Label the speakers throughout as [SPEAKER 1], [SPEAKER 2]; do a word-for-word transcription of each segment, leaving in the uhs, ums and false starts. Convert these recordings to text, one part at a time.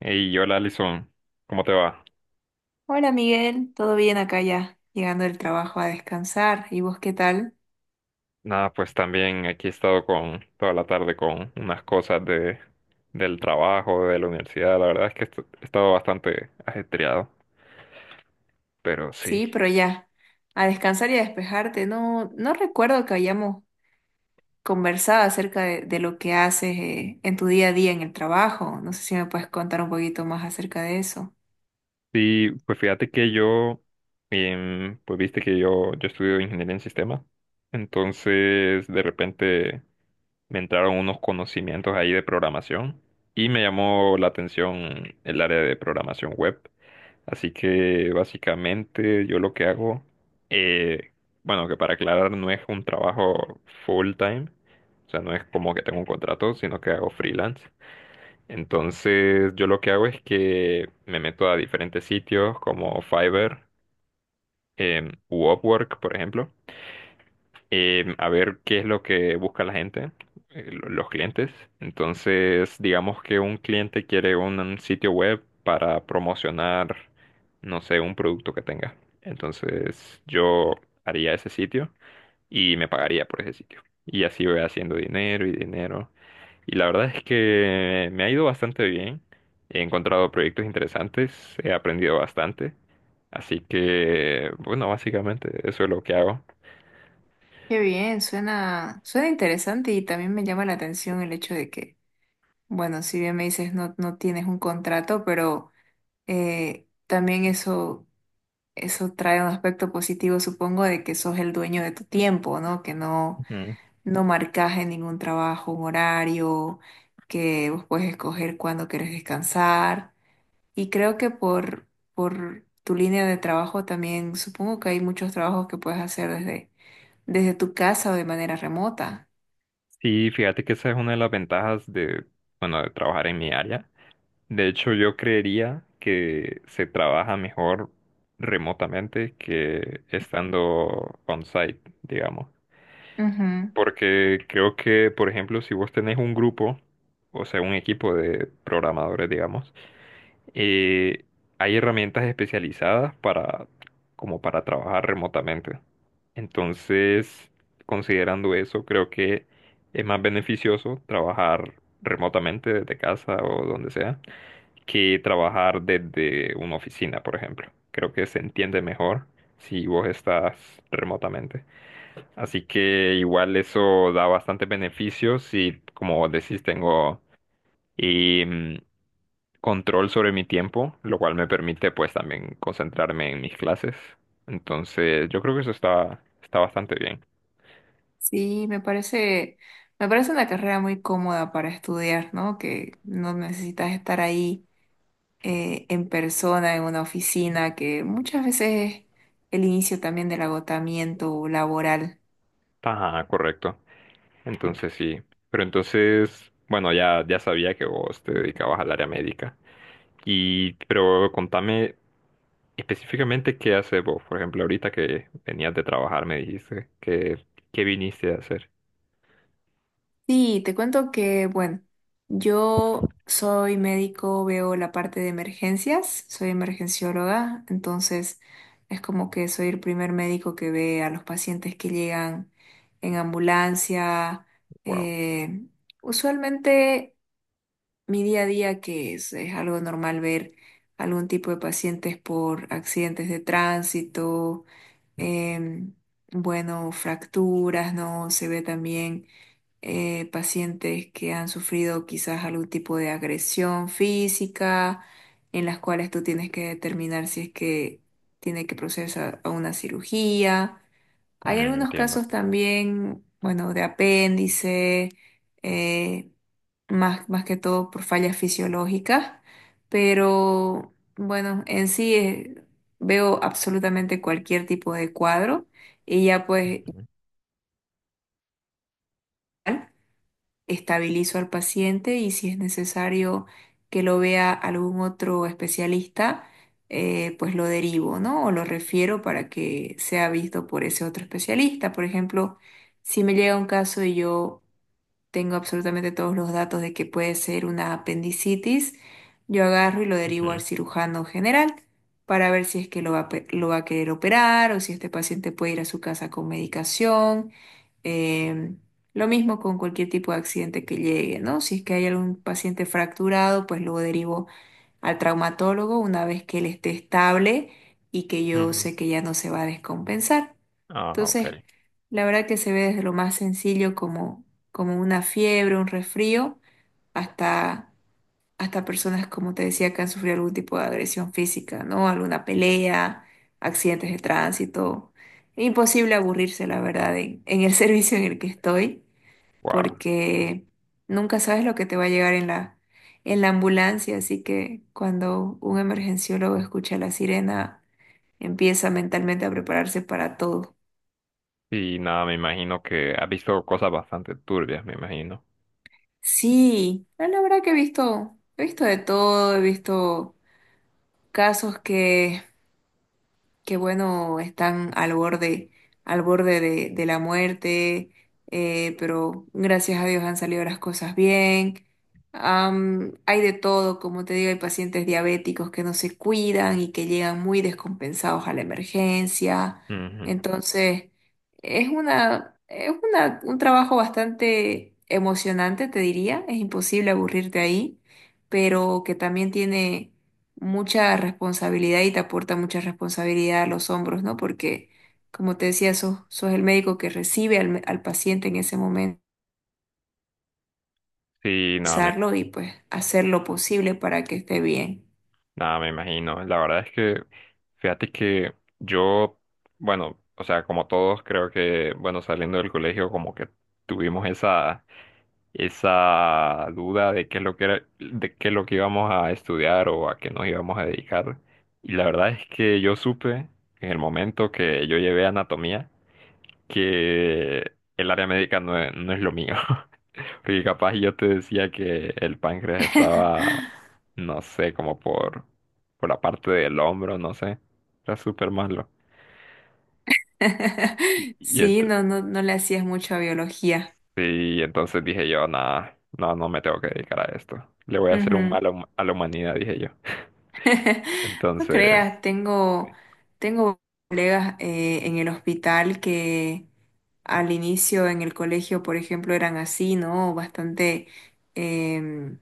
[SPEAKER 1] Y hola Alison, ¿cómo te va?
[SPEAKER 2] Hola Miguel, ¿todo bien acá ya? Llegando del trabajo a descansar. ¿Y vos qué tal?
[SPEAKER 1] Nada, pues también aquí he estado con toda la tarde con unas cosas de del trabajo, de la universidad. La verdad es que est- he estado bastante ajetreado, pero sí.
[SPEAKER 2] Sí, pero ya, a descansar y a despejarte. No, no recuerdo que hayamos conversado acerca de, de lo que haces eh, en tu día a día en el trabajo. No sé si me puedes contar un poquito más acerca de eso.
[SPEAKER 1] Sí, pues fíjate que yo, em, pues viste que yo, yo estudio ingeniería en sistemas. Entonces, de repente me entraron unos conocimientos ahí de programación y me llamó la atención el área de programación web. Así que básicamente yo lo que hago, eh, bueno, que para aclarar no es un trabajo full time, o sea, no es como que tengo un contrato, sino que hago freelance. Entonces yo lo que hago es que me meto a diferentes sitios como Fiverr, em, u Upwork, por ejemplo eh, a ver qué es lo que busca la gente, eh, lo- los clientes. Entonces, digamos que un cliente quiere un, un sitio web para promocionar, no sé, un producto que tenga. Entonces, yo haría ese sitio y me pagaría por ese sitio. Y así voy haciendo dinero y dinero. Y la verdad es que me ha ido bastante bien. He encontrado proyectos interesantes, he aprendido bastante. Así que, bueno, básicamente eso es lo que hago.
[SPEAKER 2] Qué bien, suena, suena interesante y también me llama la atención el hecho de que, bueno, si bien me dices no, no tienes un contrato, pero eh, también eso. Eso trae un aspecto positivo, supongo, de que sos el dueño de tu tiempo, ¿no? Que no, no marcas en ningún trabajo un horario, que vos puedes escoger cuándo querés descansar. Y creo que por, por tu línea de trabajo también, supongo que hay muchos trabajos que puedes hacer desde, desde tu casa o de manera remota.
[SPEAKER 1] Sí, fíjate que esa es una de las ventajas de, bueno, de trabajar en mi área. De hecho, yo creería que se trabaja mejor remotamente que estando on-site, digamos.
[SPEAKER 2] Ujú.
[SPEAKER 1] Porque creo que, por ejemplo, si vos tenés un grupo, o sea, un equipo de programadores, digamos, eh, hay herramientas especializadas para, como para trabajar remotamente. Entonces, considerando eso, creo que es más beneficioso trabajar remotamente desde casa o donde sea que trabajar desde una oficina, por ejemplo. Creo que se entiende mejor si vos estás remotamente. Así que igual eso da bastante beneficio si, como vos decís, tengo... eh, control sobre mi tiempo, lo cual me permite pues también concentrarme en mis clases. Entonces, yo creo que eso está, está bastante bien.
[SPEAKER 2] Sí, me parece, me parece una carrera muy cómoda para estudiar, ¿no? Que no necesitas estar ahí eh, en persona, en una oficina, que muchas veces es el inicio también del agotamiento laboral.
[SPEAKER 1] Ajá, correcto. Entonces sí. Pero entonces, bueno, ya, ya sabía que vos te dedicabas al área médica. Y, pero contame específicamente qué haces vos. Por ejemplo, ahorita que venías de trabajar, me dijiste que, ¿qué viniste a hacer?
[SPEAKER 2] Sí, te cuento que, bueno, yo soy médico, veo la parte de emergencias, soy emergencióloga, entonces es como que soy el primer médico que ve a los pacientes que llegan en ambulancia.
[SPEAKER 1] Wow.
[SPEAKER 2] eh, Usualmente mi día a día, que es, es algo normal ver algún tipo de pacientes por accidentes de tránsito, em, bueno, fracturas, ¿no? Se ve también eh, pacientes que han sufrido quizás algún tipo de agresión física, en las cuales tú tienes que determinar si es que tiene que proceder a a una cirugía. Hay
[SPEAKER 1] Mm,
[SPEAKER 2] algunos
[SPEAKER 1] entiendo.
[SPEAKER 2] casos también, bueno, de apéndice. eh, Más, más que todo por fallas fisiológicas, pero bueno, en sí eh, veo absolutamente cualquier tipo de cuadro y ya pues estabilizo al paciente y si es necesario que lo vea algún otro especialista, eh, pues lo derivo, ¿no? O lo refiero para que sea visto por ese otro especialista. Por ejemplo, si me llega un caso y yo tengo absolutamente todos los datos de que puede ser una apendicitis, yo agarro y lo derivo al
[SPEAKER 1] Ujú,
[SPEAKER 2] cirujano general para ver si es que lo va, a pe- lo va a querer operar o si este paciente puede ir a su casa con medicación. Em, lo mismo con cualquier tipo de accidente que llegue, ¿no? Si es que hay algún paciente fracturado, pues lo derivo al traumatólogo una vez que él esté estable y que yo
[SPEAKER 1] ujú.
[SPEAKER 2] sé que ya no se va a descompensar.
[SPEAKER 1] Ah,
[SPEAKER 2] Entonces,
[SPEAKER 1] ok.
[SPEAKER 2] la verdad que se ve desde lo más sencillo como, como una fiebre, un resfrío, hasta, hasta personas, como te decía, que han sufrido algún tipo de agresión física, ¿no? Alguna pelea, accidentes de tránsito. Imposible aburrirse, la verdad, en, en el servicio en el que estoy
[SPEAKER 1] Wow.
[SPEAKER 2] porque nunca sabes lo que te va a llegar en la, en la ambulancia, así que cuando un emergenciólogo escucha la sirena, empieza mentalmente a prepararse para todo.
[SPEAKER 1] Y nada, me imagino que ha visto cosas bastante turbias, me imagino.
[SPEAKER 2] Sí, no, la verdad que he visto, he visto de todo, he visto casos que qué bueno, están al borde, al borde de, de la muerte, eh, pero gracias a Dios han salido las cosas bien. Am, hay de todo, como te digo, hay pacientes diabéticos que no se cuidan y que llegan muy descompensados a la emergencia.
[SPEAKER 1] Ujú.
[SPEAKER 2] Entonces, es una, es una, un trabajo bastante emocionante, te diría. Es imposible aburrirte ahí, pero que también tiene mucha responsabilidad y te aporta mucha responsabilidad a los hombros, ¿no? Porque, como te decía, sos, sos el médico que recibe al, al paciente en ese momento
[SPEAKER 1] Sí, nada, me
[SPEAKER 2] revisarlo y pues hacer lo posible para que esté bien.
[SPEAKER 1] Nada, me imagino. La verdad es que, fíjate que yo, bueno, o sea, como todos, creo que, bueno, saliendo del colegio, como que tuvimos esa, esa duda de qué es lo que era, de qué es lo que íbamos a estudiar o a qué nos íbamos a dedicar. Y la verdad es que yo supe en el momento que yo llevé anatomía que el área médica no es, no es lo mío. Porque capaz yo te decía que el páncreas estaba no sé, como por, por la parte del hombro, no sé. Era súper malo. Y, y ent-
[SPEAKER 2] Sí, no, no, no le hacías mucho a biología.
[SPEAKER 1] y entonces dije yo, nada, no, no me tengo que dedicar a esto. Le voy a hacer un
[SPEAKER 2] Ujú.
[SPEAKER 1] mal a hum- a la humanidad, dije yo.
[SPEAKER 2] No
[SPEAKER 1] Entonces,
[SPEAKER 2] creas, tengo, tengo colegas eh, en el hospital que al inicio en el colegio, por ejemplo, eran así, ¿no? Bastante em,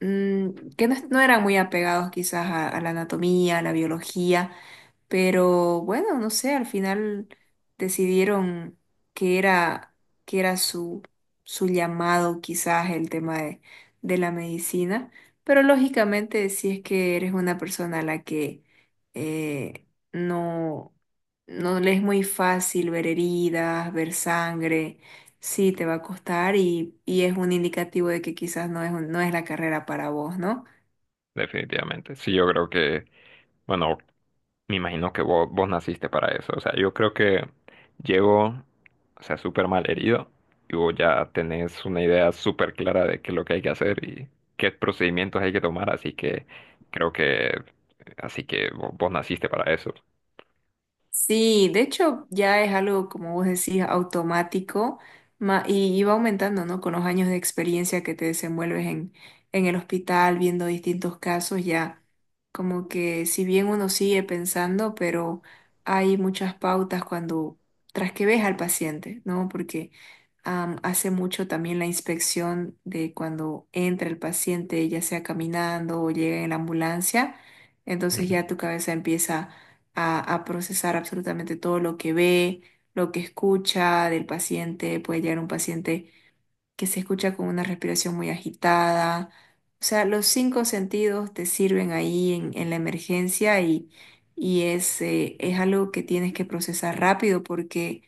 [SPEAKER 2] mm, que no, es- no eran muy apegados quizás a, a la anatomía, a la biología, pero bueno, no sé, al final decidieron que era, que era su, su llamado, quizás el tema de, de la medicina. Pero lógicamente, si es que eres una persona a la que eh, no, no le es muy fácil ver heridas, ver sangre, sí te va a costar y, y es un indicativo de que quizás no es, un- no es la carrera para vos, ¿no?
[SPEAKER 1] definitivamente. Sí, yo creo que, bueno, me imagino que vos, vos naciste para eso. O sea, yo creo que llego, o sea, súper mal herido y vos ya tenés una idea súper clara de qué es lo que hay que hacer y qué procedimientos hay que tomar. Así que creo que, así que vos, vos naciste para eso.
[SPEAKER 2] Sí, de hecho ya es algo, como vos decís, automático ma- y, y va aumentando, ¿no? Con los años de experiencia que te desenvuelves en, en el hospital, viendo distintos casos, ya como que si bien uno sigue pensando, pero hay muchas pautas cuando, tras que ves al paciente, ¿no? Porque am, hace mucho también la inspección de cuando entra el paciente, ya sea caminando o llega en la ambulancia, entonces
[SPEAKER 1] Mm,
[SPEAKER 2] ya tu cabeza empieza a, a procesar absolutamente todo lo que ve, lo que escucha del paciente. Puede llegar un paciente que se escucha con una respiración muy agitada. O sea, los cinco sentidos te sirven ahí en, en la emergencia y, y es, eh, es algo que tienes que procesar rápido porque,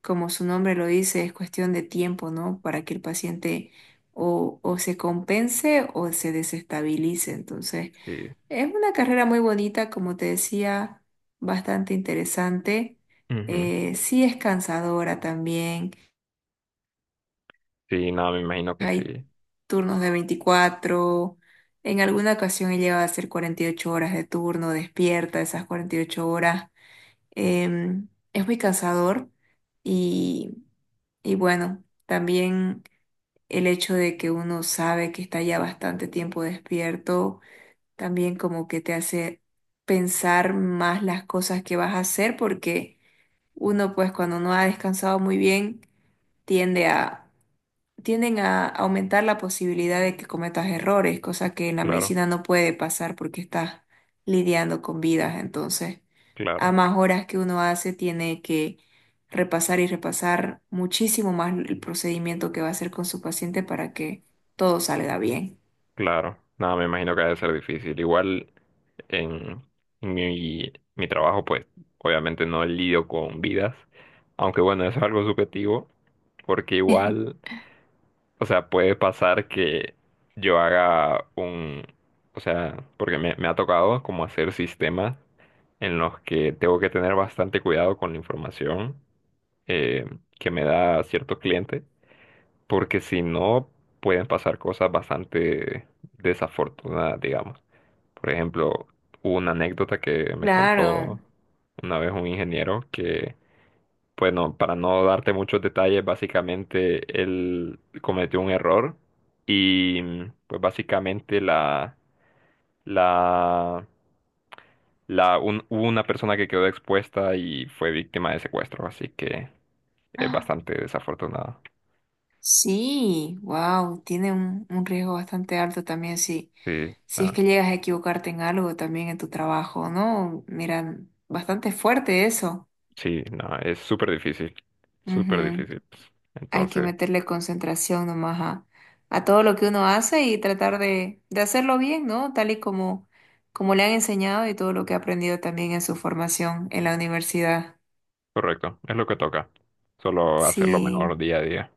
[SPEAKER 2] como su nombre lo dice, es cuestión de tiempo, ¿no? Para que el paciente o, o se compense o se desestabilice. Entonces,
[SPEAKER 1] sí.
[SPEAKER 2] es una carrera muy bonita, como te decía, bastante interesante.
[SPEAKER 1] Ujú.
[SPEAKER 2] Eh, sí es cansadora también.
[SPEAKER 1] Sí, no, me imagino que
[SPEAKER 2] Hay
[SPEAKER 1] sí.
[SPEAKER 2] turnos de veinticuatro. En alguna ocasión he llegado a hacer cuarenta y ocho horas de turno, despierta esas cuarenta y ocho horas. Em, es muy cansador y, y bueno, también el hecho de que uno sabe que está ya bastante tiempo despierto también como que te hace pensar más las cosas que vas a hacer porque uno pues cuando no ha descansado muy bien tiende a tienden a aumentar la posibilidad de que cometas errores, cosa que en la
[SPEAKER 1] Claro,
[SPEAKER 2] medicina no puede pasar porque estás lidiando con vidas, entonces a
[SPEAKER 1] claro.
[SPEAKER 2] más horas que uno hace tiene que repasar y repasar muchísimo más el procedimiento que va a hacer con su paciente para que todo salga bien.
[SPEAKER 1] Claro, nada, me imagino que ha de ser difícil. Igual en, en mi, mi trabajo, pues obviamente no lidio con vidas, aunque bueno, eso es algo subjetivo, porque igual, o sea, puede pasar que yo haga un, o sea, porque me, me ha tocado como hacer sistemas en los que tengo que tener bastante cuidado con la información eh, que me da cierto cliente porque si no, pueden pasar cosas bastante desafortunadas, digamos. Por ejemplo, hubo una anécdota que me
[SPEAKER 2] Claro.
[SPEAKER 1] contó una vez un ingeniero que, bueno, para no darte muchos detalles, básicamente él cometió un error y mm, pues básicamente la, la, la, un- hubo una persona que quedó expuesta y fue víctima de secuestro, así que es bastante desafortunado.
[SPEAKER 2] Sí, wow, tiene un, un riesgo bastante alto también si,
[SPEAKER 1] Sí,
[SPEAKER 2] si es que
[SPEAKER 1] nada.
[SPEAKER 2] llegas a equivocarte en algo también en tu trabajo, ¿no? Mira, bastante fuerte eso.
[SPEAKER 1] Sí, no, es súper difícil, súper
[SPEAKER 2] Ujú.
[SPEAKER 1] difícil. Pues.
[SPEAKER 2] Hay que
[SPEAKER 1] Entonces,
[SPEAKER 2] meterle concentración nomás a, a todo lo que uno hace y tratar de, de hacerlo bien, ¿no? Tal y como, como le han enseñado y todo lo que ha aprendido también en su formación en la universidad.
[SPEAKER 1] correcto, es lo que toca. Solo hacerlo
[SPEAKER 2] Sí,
[SPEAKER 1] mejor día a día.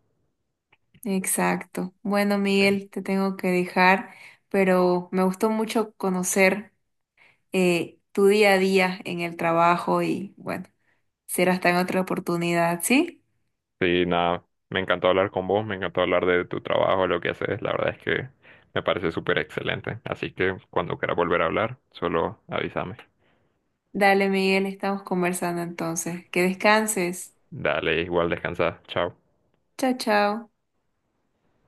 [SPEAKER 2] exacto. Bueno,
[SPEAKER 1] Sí,
[SPEAKER 2] Miguel, te tengo que dejar pero me gustó mucho conocer eh, tu día a día en el trabajo y bueno, será hasta en otra oportunidad, ¿sí?
[SPEAKER 1] sí, nada, me encantó hablar con vos, me encantó hablar de tu trabajo, lo que haces. La verdad es que me parece súper excelente. Así que cuando quieras volver a hablar, solo avísame.
[SPEAKER 2] Dale, Miguel, estamos conversando entonces. Que descanses.
[SPEAKER 1] Dale, igual descansa. Chao.
[SPEAKER 2] Chao, chao.